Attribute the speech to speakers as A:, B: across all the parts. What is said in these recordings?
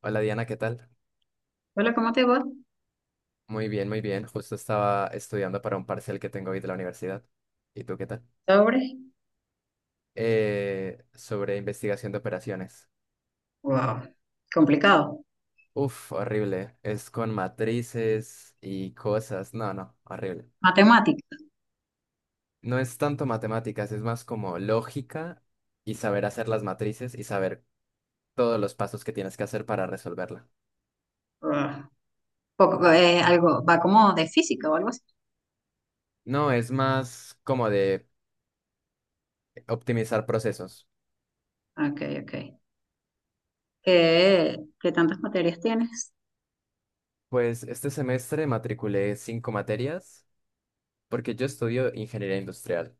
A: Hola Diana, ¿qué tal?
B: Hola, ¿cómo te va?
A: Muy bien, muy bien. Justo estaba estudiando para un parcial que tengo hoy de la universidad. ¿Y tú qué tal?
B: ¿Sobre?
A: Sobre investigación de operaciones.
B: Wow. Complicado.
A: Uf, horrible. Es con matrices y cosas. No, no, horrible.
B: Matemática.
A: No es tanto matemáticas, es más como lógica y saber hacer las matrices y saber todos los pasos que tienes que hacer para resolverla.
B: Wow. Poco, algo, va como de física o algo así.
A: No, es más como de optimizar procesos.
B: Ok, ok. ¿Qué tantas materias tienes?
A: Pues este semestre matriculé cinco materias porque yo estudio ingeniería industrial.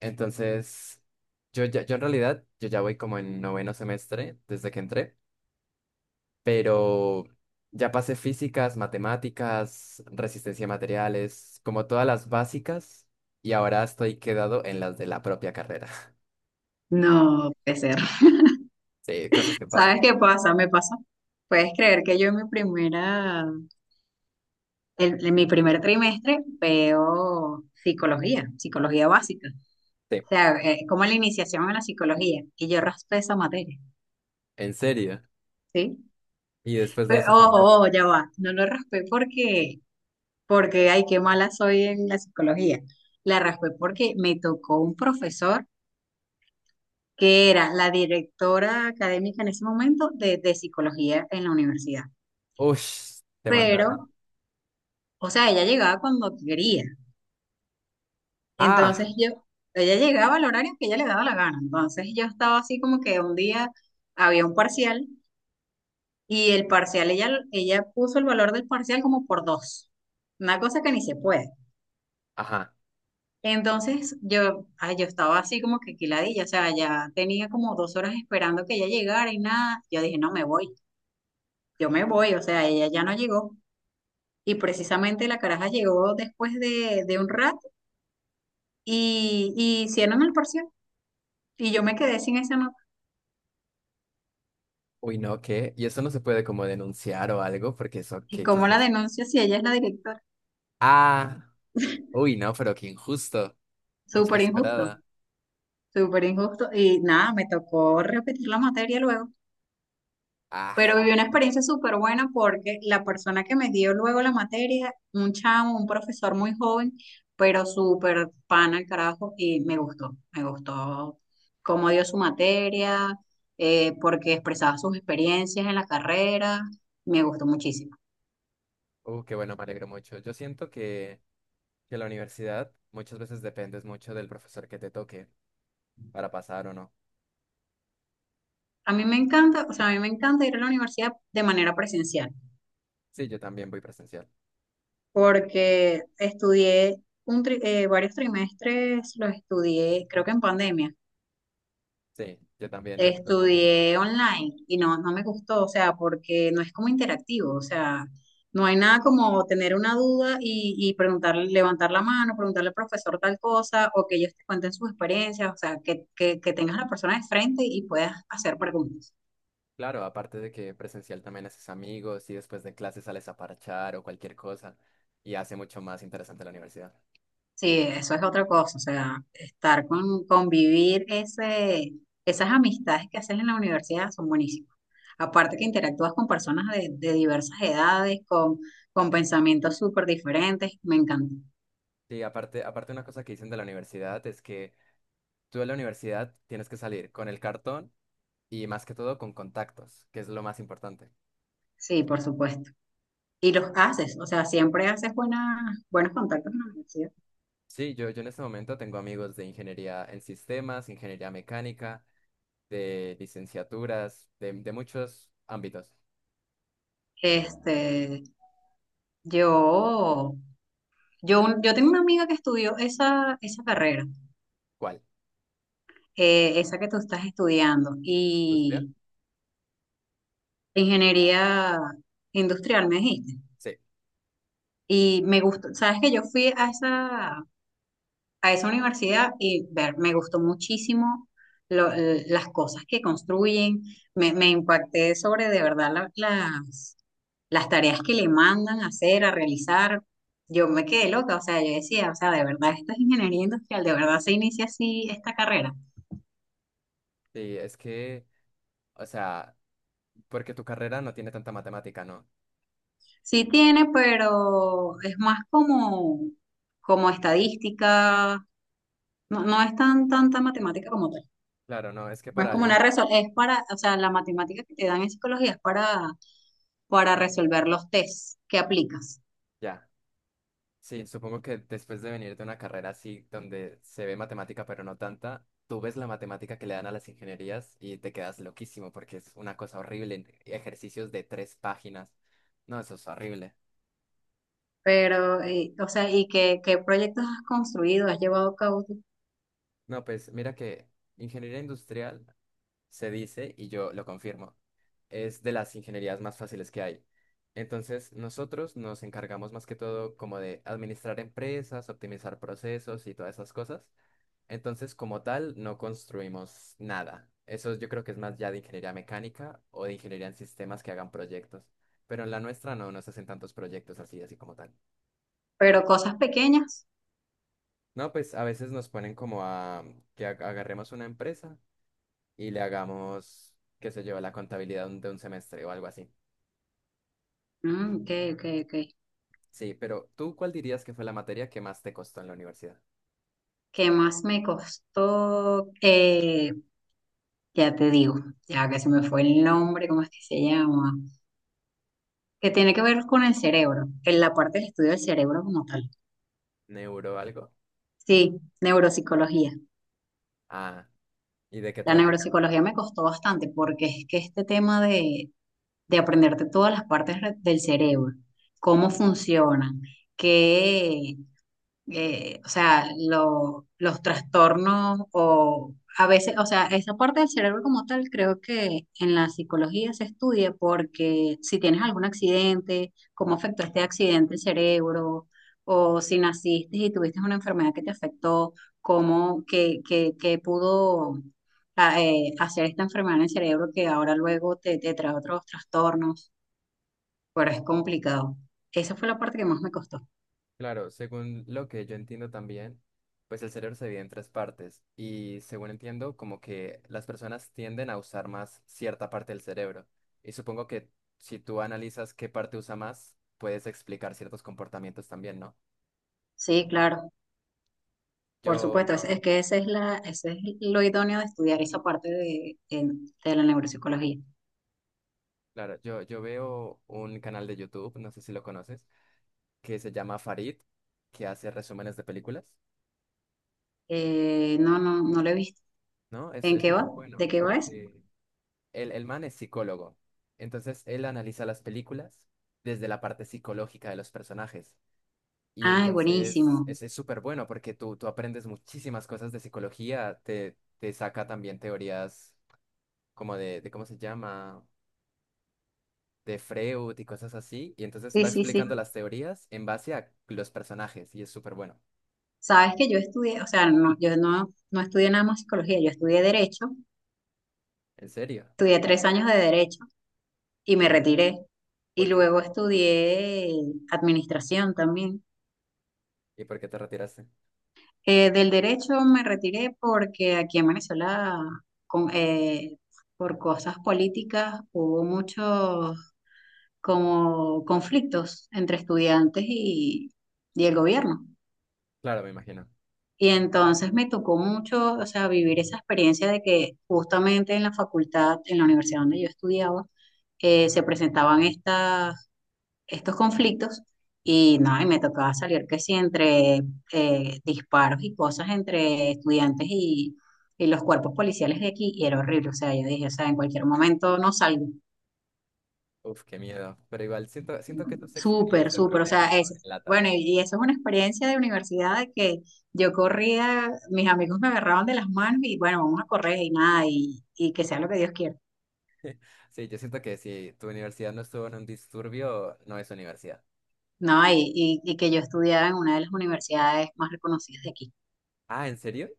A: Entonces, yo ya voy como en noveno semestre desde que entré, pero ya pasé físicas, matemáticas, resistencia a materiales, como todas las básicas, y ahora estoy quedado en las de la propia carrera.
B: No puede ser.
A: Sí, cosas que
B: ¿Sabes
A: pasan.
B: qué pasa? Me pasa. Puedes creer que yo en mi primer trimestre veo psicología, psicología básica.
A: Sí,
B: O sea, como la iniciación en la psicología. Y yo raspé esa materia,
A: en serio.
B: ¿sí?
A: Y después de
B: Pero,
A: eso,
B: oh,
A: ¿cómo te fue?
B: oh, oh, ya va. No lo raspé porque, ay, qué mala soy en la psicología. La raspé porque me tocó un profesor que era la directora académica en ese momento de psicología en la universidad.
A: Ush, te
B: Pero,
A: mandaron.
B: o sea, ella llegaba cuando quería.
A: Ah,
B: Entonces ella llegaba al horario que ella le daba la gana. Entonces yo estaba así como que un día había un parcial y el parcial, ella puso el valor del parcial como por dos. Una cosa que ni se puede.
A: ajá.
B: Entonces ay, yo estaba así como que quiladilla, o sea, ya tenía como 2 horas esperando que ella llegara y nada. Yo dije, no, me voy, yo me voy, o sea, ella ya no llegó. Y precisamente la caraja llegó después de un rato y hicieron el parcial. Y yo me quedé sin esa nota.
A: Uy, no, ¿qué? Y eso no se puede como denunciar o algo, porque eso,
B: ¿Y
A: ¿qué
B: cómo
A: es
B: la
A: eso?
B: denuncio si ella es la directora?
A: Ah. Uy, no, pero qué injusto. Mucha
B: Súper injusto,
A: descarada.
B: súper injusto. Y nada, me tocó repetir la materia luego.
A: Ah,
B: Pero viví una experiencia súper buena porque la persona que me dio luego la materia, un chamo, un profesor muy joven, pero súper pana el carajo, y me gustó cómo dio su materia, porque expresaba sus experiencias en la carrera, me gustó muchísimo.
A: qué bueno, me alegro mucho. Yo siento que la universidad muchas veces dependes mucho del profesor que te toque para pasar o no.
B: A mí me encanta, o sea, a mí me encanta ir a la universidad de manera presencial,
A: Sí, yo también voy presencial.
B: porque estudié varios trimestres, los estudié, creo que en pandemia.
A: Sí, yo también me tocó en pandemia.
B: Estudié online y no me gustó, o sea, porque no es como interactivo, o sea, no hay nada como tener una duda y preguntarle, levantar la mano, preguntarle al profesor tal cosa, o que ellos te cuenten sus experiencias, o sea, que tengas a la persona de frente y puedas hacer preguntas.
A: Claro, aparte de que presencial también haces amigos y después de clases sales a parchar o cualquier cosa y hace mucho más interesante la universidad.
B: Sí, eso es otra cosa, o sea, estar convivir esas amistades que haces en la universidad son buenísimas. Aparte que interactúas con personas de diversas edades, con pensamientos súper diferentes, me encanta.
A: Sí, aparte, aparte una cosa que dicen de la universidad es que tú de la universidad tienes que salir con el cartón y más que todo con contactos, que es lo más importante.
B: Sí, por supuesto. Y los haces, o sea, siempre haces buenos contactos en la universidad.
A: Sí, yo en este momento tengo amigos de ingeniería en sistemas, ingeniería mecánica, de licenciaturas, de muchos ámbitos.
B: Este, yo, yo tengo una amiga que estudió esa carrera,
A: ¿Cuál?
B: esa que tú estás estudiando,
A: ¿Usted?
B: y ingeniería industrial, me dijiste.
A: Sí,
B: Y me gustó, sabes que yo fui a esa universidad y ver, me gustó muchísimo las cosas que construyen, me impacté sobre de verdad las tareas que le mandan a hacer, a realizar. Yo me quedé loca, o sea, yo decía, o sea, de verdad, esta es ingeniería industrial, de verdad se inicia así esta carrera.
A: sí, es que, o sea, porque tu carrera no tiene tanta matemática, ¿no?
B: Sí tiene, pero es más como estadística. No, no es tanta matemática como tal.
A: Claro, no, es que
B: Más
A: para
B: como una
A: alguien,
B: resolución. Es para, o sea, la matemática que te dan en psicología es para resolver los tests que aplicas.
A: ya, sí, supongo que después de venir de una carrera así, donde se ve matemática pero no tanta, tú ves la matemática que le dan a las ingenierías y te quedas loquísimo porque es una cosa horrible, ejercicios de tres páginas, no, eso es horrible.
B: Pero, o sea, ¿y qué proyectos has construido, has llevado a cabo tú?
A: No, pues mira que ingeniería industrial se dice, y yo lo confirmo, es de las ingenierías más fáciles que hay. Entonces, nosotros nos encargamos más que todo como de administrar empresas, optimizar procesos y todas esas cosas. Entonces, como tal, no construimos nada. Eso yo creo que es más ya de ingeniería mecánica o de ingeniería en sistemas que hagan proyectos. Pero en la nuestra no nos hacen tantos proyectos así, así como tal.
B: Pero cosas pequeñas.
A: No, pues a veces nos ponen como a que agarremos una empresa y le hagamos, qué sé yo, la contabilidad de un semestre o algo así.
B: Mm, ok, ok, ok.
A: Sí, pero ¿tú cuál dirías que fue la materia que más te costó en la universidad?
B: ¿Qué más me costó? Ya te digo, ya que se me fue el nombre, ¿cómo es que se llama? Que tiene que ver con el cerebro, en la parte del estudio del cerebro como tal.
A: ¿Neuro algo?
B: Sí, neuropsicología.
A: Ah, ¿y de qué
B: La
A: trata?
B: neuropsicología me costó bastante porque es que este tema de aprenderte todas las partes del cerebro, cómo funcionan, qué, o sea, los trastornos o a veces, o sea, esa parte del cerebro como tal creo que en la psicología se estudia porque si tienes algún accidente, cómo afectó este accidente el cerebro, o si naciste y tuviste una enfermedad que te afectó, cómo, que pudo hacer esta enfermedad en el cerebro que ahora luego te trae otros trastornos, pero es complicado. Esa fue la parte que más me costó.
A: Claro, según lo que yo entiendo también, pues el cerebro se divide en tres partes y según entiendo, como que las personas tienden a usar más cierta parte del cerebro. Y supongo que si tú analizas qué parte usa más, puedes explicar ciertos comportamientos también, ¿no?
B: Sí, claro. Por supuesto,
A: Yo,
B: es que ese es lo idóneo de estudiar esa parte de la neuropsicología.
A: claro, yo veo un canal de YouTube, no sé si lo conoces, que se llama Farid, que hace resúmenes de películas,
B: No, no, no lo he visto.
A: ¿no?
B: ¿En
A: Es
B: qué
A: súper
B: va? ¿De
A: bueno
B: qué va eso?
A: porque el man es psicólogo. Entonces él analiza las películas desde la parte psicológica de los personajes. Y
B: Ay,
A: entonces
B: buenísimo.
A: es súper bueno porque tú aprendes muchísimas cosas de psicología, te saca también teorías como de ¿cómo se llama? De Freud y cosas así. Y entonces
B: Sí,
A: va
B: sí, sí.
A: explicando las teorías en base a los personajes y es súper bueno.
B: Sabes que yo estudié, o sea, no, yo no estudié nada más psicología, yo estudié derecho,
A: ¿En serio?
B: estudié 3 años de derecho y me
A: Uy,
B: retiré. Y
A: ¿por qué?
B: luego estudié administración también.
A: ¿Y por qué te retiraste?
B: Del derecho me retiré porque aquí en Venezuela, con- eh, por cosas políticas, hubo muchos como conflictos entre estudiantes y el gobierno.
A: Claro, me imagino.
B: Y entonces me tocó mucho, o sea, vivir esa experiencia de que justamente en la facultad, en la universidad donde yo estudiaba, se presentaban estas estos conflictos y no, y me tocaba salir que sí entre disparos y cosas entre estudiantes y los cuerpos policiales de aquí y era horrible, o sea, yo dije, o sea, en cualquier momento no salgo,
A: Uf, qué miedo. Pero igual siento, siento que tu
B: súper,
A: experiencia
B: súper, o sea,
A: promedio en LATAM.
B: bueno, y eso es una experiencia de universidad de que yo corría, mis amigos me agarraban de las manos y bueno, vamos a correr y nada, y que sea lo que Dios quiera,
A: Sí, yo siento que si tu universidad no estuvo en un disturbio, no es universidad.
B: ¿no? Y que yo estudiaba en una de las universidades más reconocidas de aquí,
A: Ah, ¿en serio?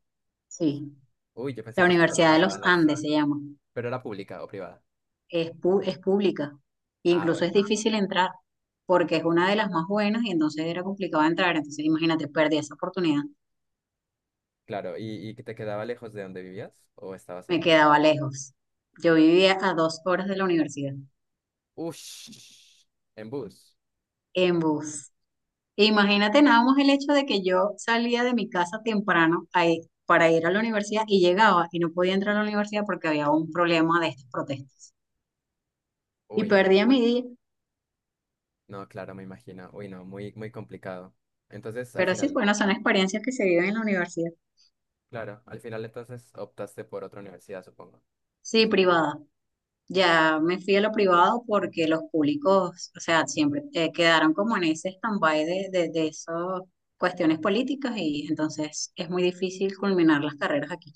B: sí,
A: Uy, yo pensé
B: la
A: que eso solo
B: Universidad de
A: pasaba
B: los
A: en las...
B: Andes se llama.
A: Pero era pública o privada.
B: Es pública. E
A: Ah,
B: incluso
A: bueno.
B: es difícil entrar porque es una de las más buenas y entonces era complicado entrar. Entonces, imagínate, perdí esa oportunidad.
A: Claro, ¿y que te quedaba lejos de donde vivías o estabas
B: Me
A: ahí?
B: quedaba lejos. Yo vivía a 2 horas de la universidad
A: Ush, en bus.
B: en bus. Imagínate nada más el hecho de que yo salía de mi casa temprano para ir a la universidad y llegaba y no podía entrar a la universidad porque había un problema de estas protestas. Y
A: Uy, no.
B: perdía mi día.
A: No, claro, me imagino. Uy, no, muy, muy complicado. Entonces, al
B: Pero sí,
A: final,
B: bueno, son experiencias que se viven en la universidad.
A: claro, al final entonces optaste por otra universidad, supongo.
B: Sí, privada. Ya me fui a lo privado porque los públicos, o sea, siempre quedaron como en ese stand-by de esas cuestiones políticas y entonces es muy difícil culminar las carreras aquí.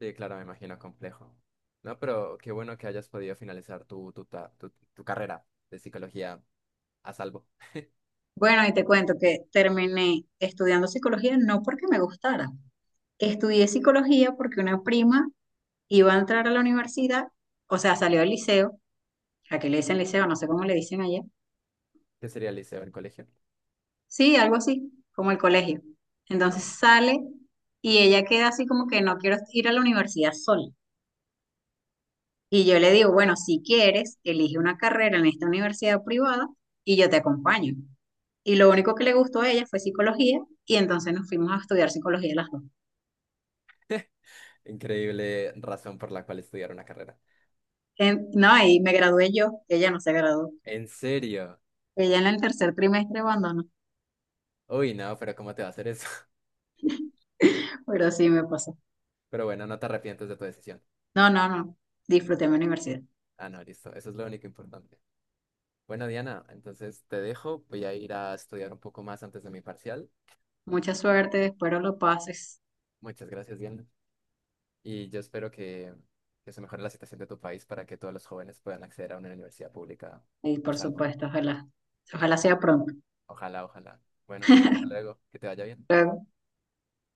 A: Sí, claro, me imagino complejo. No, pero qué bueno que hayas podido finalizar tu carrera de psicología a salvo.
B: Bueno, y te cuento que terminé estudiando psicología no porque me gustara. Estudié psicología porque una prima iba a entrar a la universidad, o sea, salió del liceo, a que le dicen liceo, no sé cómo le dicen allá.
A: ¿Qué sería el liceo, el colegio?
B: Sí, algo así, como el colegio.
A: Ah,
B: Entonces sale y ella queda así como que no quiero ir a la universidad sola. Y yo le digo, bueno, si quieres, elige una carrera en esta universidad privada y yo te acompaño. Y lo único que le gustó a ella fue psicología y entonces nos fuimos a estudiar psicología las dos.
A: increíble razón por la cual estudiar una carrera.
B: No, y me gradué yo, ella no se graduó.
A: ¿En serio?
B: Ella en el tercer trimestre abandonó,
A: Uy, no, pero ¿cómo te va a hacer eso?
B: pero sí me pasó.
A: Pero bueno, no te arrepientes de tu decisión.
B: No, no, no, disfruté mi universidad.
A: Ah, no, listo. Eso es lo único importante. Bueno, Diana, entonces te dejo. Voy a ir a estudiar un poco más antes de mi parcial.
B: Mucha suerte, espero lo pases.
A: Muchas gracias, Diana. Y yo espero que se mejore la situación de tu país para que todos los jóvenes puedan acceder a una universidad pública
B: Y
A: a
B: por
A: salvo.
B: supuesto, ojalá, ojalá sea pronto.
A: Ojalá, ojalá. Bueno, hasta luego, que te vaya bien.
B: Luego